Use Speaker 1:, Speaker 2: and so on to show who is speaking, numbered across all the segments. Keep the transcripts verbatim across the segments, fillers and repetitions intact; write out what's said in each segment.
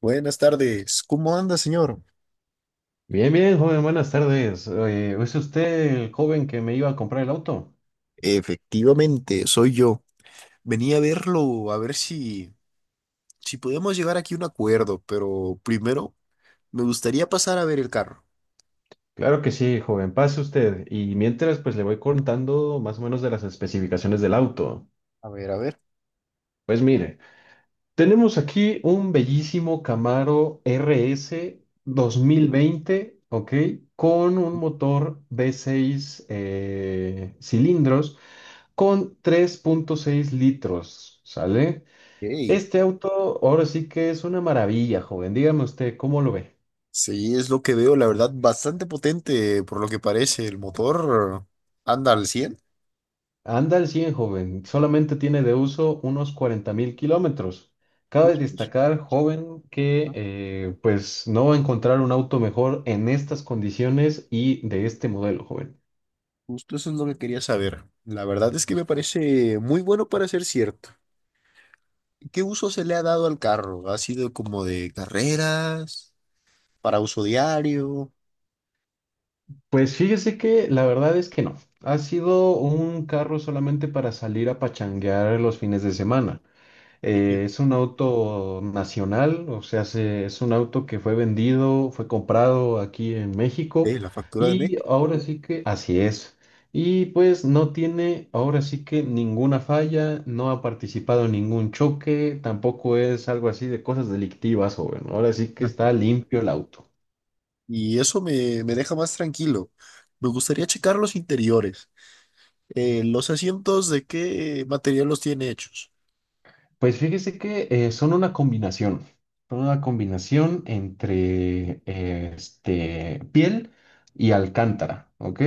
Speaker 1: Buenas tardes, ¿cómo anda, señor?
Speaker 2: Bien, bien, joven, buenas tardes. Oye, ¿es usted el joven que me iba a comprar el auto?
Speaker 1: Efectivamente, soy yo. Venía a verlo, a ver si, si podemos llegar aquí a un acuerdo, pero primero me gustaría pasar a ver el carro.
Speaker 2: Claro que sí, joven, pase usted. Y mientras, pues le voy contando más o menos de las especificaciones del auto.
Speaker 1: A ver, a ver.
Speaker 2: Pues mire, tenemos aquí un bellísimo Camaro RS veinte, ¿ok? Con un motor v seis eh, cilindros con tres punto seis litros, ¿sale?
Speaker 1: Ey.
Speaker 2: Este auto ahora sí que es una maravilla, joven. Dígame usted, ¿cómo lo ve?
Speaker 1: Sí, es lo que veo, la verdad, bastante potente por lo que parece. El motor anda al cien.
Speaker 2: Anda al cien, joven. Solamente tiene de uso unos cuarenta mil kilómetros. Cabe
Speaker 1: Justo, eso,
Speaker 2: destacar, joven, que
Speaker 1: ajá,
Speaker 2: eh, pues no va a encontrar un auto mejor en estas condiciones y de este modelo, joven.
Speaker 1: justo eso es lo que quería saber. La verdad es que me parece muy bueno para ser cierto. ¿Qué uso se le ha dado al carro? ¿Ha sido como de carreras? Para uso diario,
Speaker 2: Pues fíjese que la verdad es que no. Ha sido un carro solamente para salir a pachanguear los fines de semana. Eh, es un auto nacional, o sea, se- es un auto que fue vendido, fue comprado aquí en
Speaker 1: eh,
Speaker 2: México
Speaker 1: la factura de mes.
Speaker 2: y ahora sí que así es. Y pues no tiene ahora sí que ninguna falla, no ha participado en ningún choque, tampoco es algo así de cosas delictivas, joven. Ahora sí que está limpio el auto.
Speaker 1: Y eso me, me deja más tranquilo. Me gustaría checar los interiores. Eh, los asientos, ¿de qué material los tiene hechos?
Speaker 2: Pues fíjese que eh, son una combinación, son una combinación entre eh, este, piel y alcántara, ¿ok?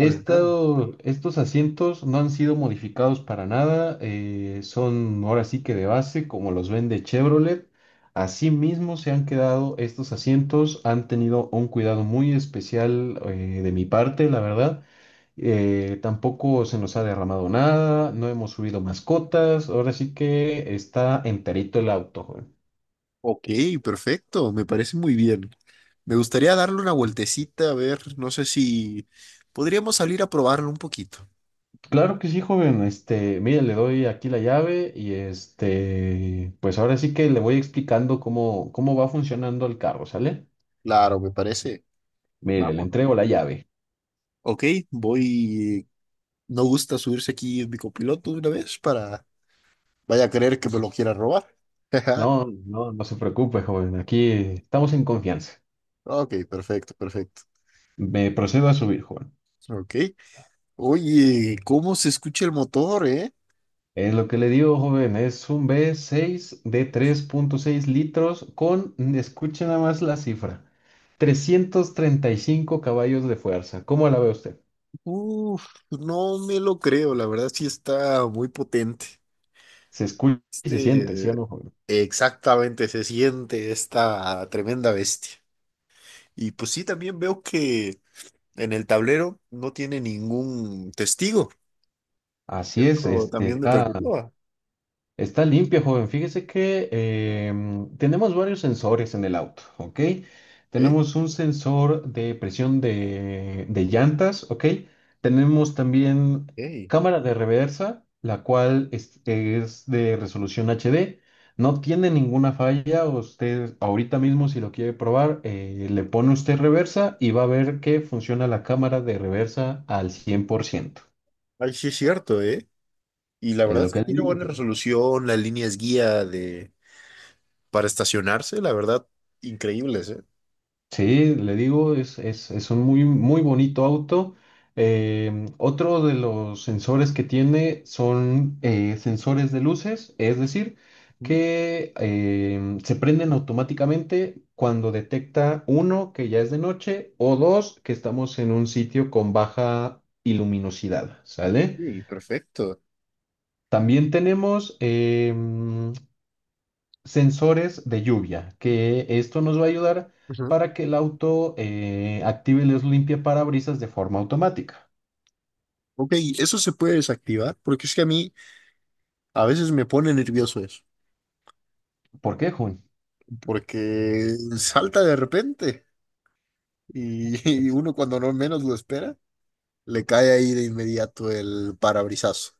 Speaker 1: Alacrán.
Speaker 2: Estos asientos no han sido modificados para nada, eh, son ahora sí que de base, como los vende Chevrolet. Asimismo se han quedado estos asientos, han tenido un cuidado muy especial eh, de mi parte, la verdad. Eh, tampoco se nos ha derramado nada, no hemos subido mascotas, ahora sí que está enterito el auto, joven.
Speaker 1: Ok, perfecto. Me parece muy bien. Me gustaría darle una vueltecita, a ver, no sé si podríamos salir a probarlo un poquito.
Speaker 2: Claro que sí, joven, este, mire, le doy aquí la llave y este, pues ahora sí que le voy explicando cómo, cómo va funcionando el carro, ¿sale?
Speaker 1: Claro, me parece.
Speaker 2: Mire, le
Speaker 1: Vamos.
Speaker 2: entrego la llave.
Speaker 1: Ok, voy. No gusta subirse aquí en mi copiloto de una vez para vaya a creer que me lo quiera robar.
Speaker 2: No, no, no se preocupe, joven, aquí estamos en confianza.
Speaker 1: Ok, perfecto, perfecto.
Speaker 2: Me procedo a subir, joven.
Speaker 1: Ok. Oye, ¿cómo se escucha el motor, eh?
Speaker 2: Es lo que le digo, joven, es un V seis de tres punto seis litros con, escuchen nada más la cifra, trescientos treinta y cinco caballos de fuerza. ¿Cómo la ve usted?
Speaker 1: Uf, no me lo creo, la verdad sí está muy potente.
Speaker 2: Se escucha y se siente, ¿sí o
Speaker 1: Este,
Speaker 2: no, joven?
Speaker 1: exactamente, se siente esta tremenda bestia. Y pues sí, también veo que en el tablero no tiene ningún testigo.
Speaker 2: Así es,
Speaker 1: Eso
Speaker 2: este,
Speaker 1: también me
Speaker 2: está.
Speaker 1: preocupa.
Speaker 2: Está limpia, joven. Fíjese que em, tenemos varios sensores en el auto, ¿ok?
Speaker 1: ¿Eh?
Speaker 2: Tenemos un sensor de presión de, de llantas, ¿ok? Tenemos también
Speaker 1: Ey.
Speaker 2: cámara de reversa, la cual es, es de resolución H D. No tiene ninguna falla. Usted ahorita mismo, si lo quiere probar, eh, le pone usted reversa y va a ver que funciona la cámara de reversa al cien por ciento.
Speaker 1: Ay, sí es cierto, ¿eh? Y la
Speaker 2: Es
Speaker 1: verdad
Speaker 2: lo
Speaker 1: es
Speaker 2: que
Speaker 1: que
Speaker 2: le
Speaker 1: tiene buena
Speaker 2: digo.
Speaker 1: resolución, la línea es guía de para estacionarse, la verdad, increíbles, ¿eh?
Speaker 2: Sí, le digo, es, es, es un muy, muy bonito auto. Em, otro de los sensores que tiene son eh, sensores de luces, es decir,
Speaker 1: Ujú.
Speaker 2: que em, se prenden automáticamente cuando detecta uno que ya es de noche o dos que estamos en un sitio con baja iluminosidad, ¿sale?
Speaker 1: Sí, perfecto.
Speaker 2: También tenemos em, sensores de lluvia, que esto nos va a ayudar
Speaker 1: Ujú.
Speaker 2: para que el auto eh, active los limpiaparabrisas de forma automática.
Speaker 1: Ok, ¿eso se puede desactivar? Porque es que a mí a veces me pone nervioso eso,
Speaker 2: ¿Por qué, Jun?
Speaker 1: porque salta de repente y, y uno cuando no menos lo espera, le cae ahí de inmediato el parabrisazo.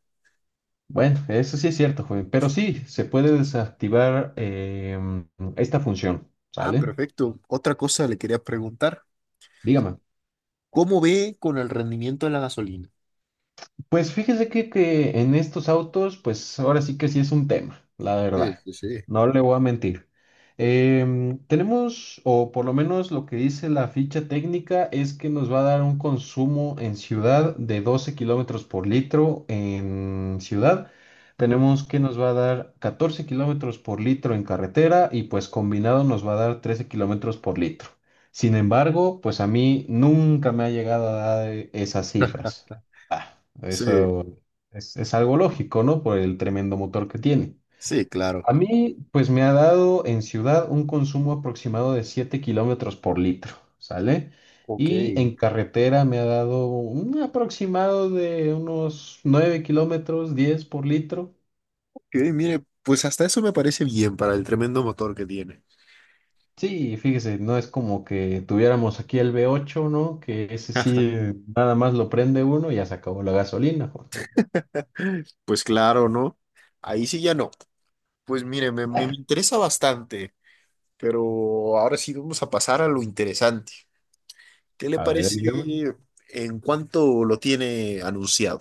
Speaker 2: Bueno, eso sí es cierto, Jun, pero sí, se puede desactivar em, esta función,
Speaker 1: Ah,
Speaker 2: ¿sale?
Speaker 1: perfecto. Otra cosa le quería preguntar,
Speaker 2: Dígame.
Speaker 1: ¿cómo ve con el rendimiento de la gasolina?
Speaker 2: Pues fíjese que, que en estos autos, pues ahora sí que sí es un tema, la
Speaker 1: Sí,
Speaker 2: verdad.
Speaker 1: sí, sí.
Speaker 2: No le voy a mentir. Em, tenemos, o por lo menos lo que dice la ficha técnica, es que nos va a dar un consumo en ciudad de doce kilómetros por litro en ciudad. Tenemos que nos va a dar catorce kilómetros por litro en carretera y pues combinado nos va a dar trece kilómetros por litro. Sin embargo, pues a mí nunca me ha llegado a dar eh, esas cifras. Ah.
Speaker 1: Sí,
Speaker 2: Eso es, es algo lógico, ¿no? Por el tremendo motor que tiene.
Speaker 1: sí, claro.
Speaker 2: A mí, pues me ha dado en ciudad un consumo aproximado de siete kilómetros por litro, ¿sale?
Speaker 1: Ok.
Speaker 2: Y en carretera me ha dado un aproximado de unos nueve kilómetros, diez por litro.
Speaker 1: Que, mire, pues hasta eso me parece bien para el tremendo motor que tiene.
Speaker 2: Sí, fíjese, no es como que tuviéramos aquí el V ocho, ¿no? Que ese sí, nada más lo prende uno y ya se acabó la gasolina. Joder.
Speaker 1: Pues claro, ¿no? Ahí sí ya no. Pues mire, me, me interesa bastante, pero ahora sí vamos a pasar a lo interesante. ¿Qué le
Speaker 2: A ver,
Speaker 1: parece
Speaker 2: dígame.
Speaker 1: en cuánto lo tiene anunciado?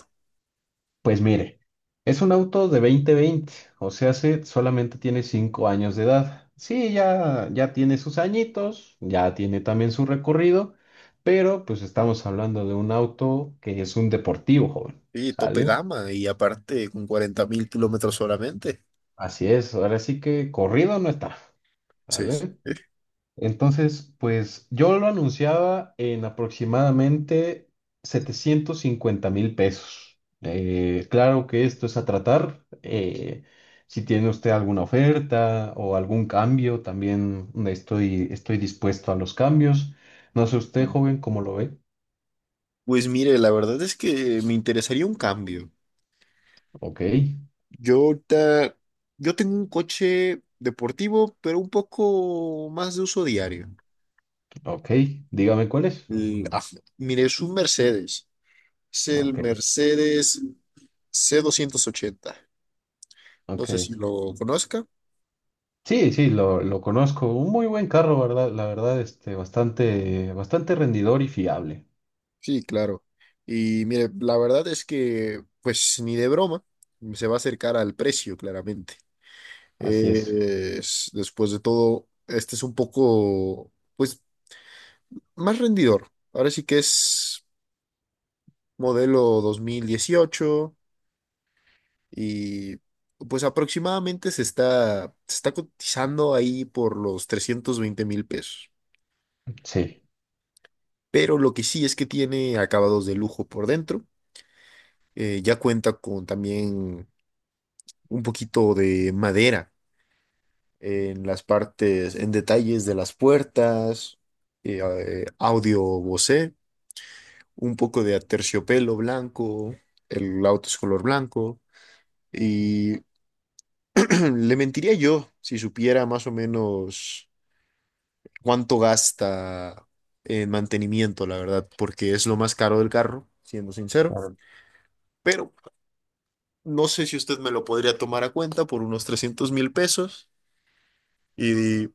Speaker 2: Pues mire, es un auto de dos mil veinte, o sea, se solamente tiene cinco años de edad. Sí, ya, ya tiene sus añitos, ya tiene también su recorrido, pero pues estamos hablando de un auto que es un deportivo, joven,
Speaker 1: Sí, tope
Speaker 2: ¿sale?
Speaker 1: gama y aparte con cuarenta mil kilómetros solamente.
Speaker 2: Así es, ahora sí que corrido no está,
Speaker 1: Sí.
Speaker 2: ¿sale? Entonces, pues yo lo anunciaba en aproximadamente setecientos cincuenta mil pesos. Eh, claro que esto es a tratar. Eh, si tiene usted alguna oferta o algún cambio, también estoy, estoy dispuesto a los cambios. No sé usted,
Speaker 1: ¿Eh?
Speaker 2: joven, cómo lo ve.
Speaker 1: Pues mire, la verdad es que me interesaría un cambio.
Speaker 2: Ok,
Speaker 1: Yo ahorita, yo tengo un coche deportivo, pero un poco más de uso diario.
Speaker 2: ok. Dígame cuál es.
Speaker 1: El- ah, Mire, es un Mercedes. Es el
Speaker 2: Ok,
Speaker 1: Mercedes c doscientos ochenta. No sé
Speaker 2: ok.
Speaker 1: si lo conozca.
Speaker 2: Sí, sí, lo, lo conozco. Un muy buen carro, ¿verdad? La verdad, este, bastante, bastante rendidor y fiable.
Speaker 1: Sí, claro. Y mire, la verdad es que, pues ni de broma, se va a acercar al precio, claramente.
Speaker 2: Así es.
Speaker 1: Eh, es- después de todo, este es un poco pues más rendidor. Ahora sí que es modelo dos mil dieciocho y pues aproximadamente se está, se está cotizando ahí por los trescientos veinte mil pesos.
Speaker 2: Sí,
Speaker 1: Pero lo que sí es que tiene acabados de lujo por dentro. Eh, ya cuenta con también un poquito de madera en las partes, en detalles de las puertas, eh, eh, audio Bose, un poco de aterciopelo blanco, el auto es color blanco. Y le mentiría yo si supiera más o menos cuánto gasta en mantenimiento, la verdad, porque es lo más caro del carro, siendo sincero.
Speaker 2: claro.
Speaker 1: Pero no sé si usted me lo podría tomar a cuenta por unos trescientos mil pesos y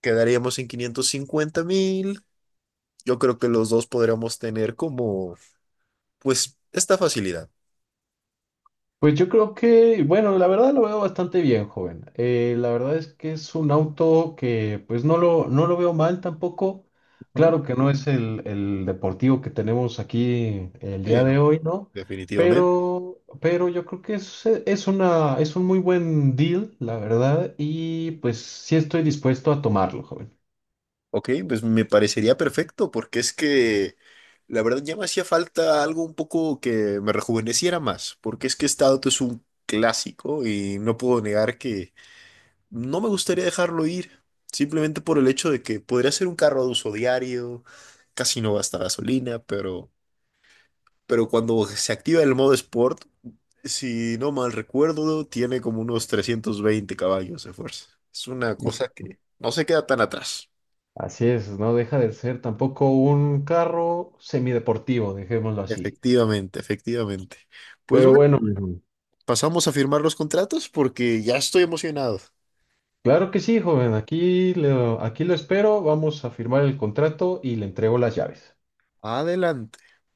Speaker 1: quedaríamos en quinientos cincuenta mil. Yo creo que los dos podríamos tener como, pues, esta facilidad.
Speaker 2: Pues yo creo que, bueno, la verdad lo veo bastante bien, joven. Eh, la verdad es que es un auto que pues no lo, no lo veo mal tampoco.
Speaker 1: Ujú.
Speaker 2: Claro que no es el, el deportivo que tenemos aquí el
Speaker 1: Sí,
Speaker 2: día de
Speaker 1: no.
Speaker 2: hoy, ¿no?
Speaker 1: Definitivamente.
Speaker 2: Pero, pero yo creo que es, es una, es un muy buen deal, la verdad, y pues sí estoy dispuesto a tomarlo, joven.
Speaker 1: Ok, pues me parecería perfecto, porque es que la verdad ya me hacía falta algo un poco que me rejuveneciera más, porque es que este auto es un clásico y no puedo negar que no me gustaría dejarlo ir, simplemente por el hecho de que podría ser un carro de uso diario, casi no gasta gasolina, pero, pero cuando se activa el modo Sport, si no mal recuerdo, tiene como unos trescientos veinte caballos de fuerza. Es una cosa
Speaker 2: Hijo.
Speaker 1: que no se queda tan atrás.
Speaker 2: Así es, no deja de ser tampoco un carro semideportivo, dejémoslo así.
Speaker 1: Efectivamente, efectivamente. Pues
Speaker 2: Pero
Speaker 1: bueno,
Speaker 2: bueno.
Speaker 1: pasamos a firmar los contratos porque ya estoy emocionado.
Speaker 2: Claro que sí, joven. Aquí lo, aquí lo espero. Vamos a firmar el contrato y le entrego las llaves.
Speaker 1: Adelante.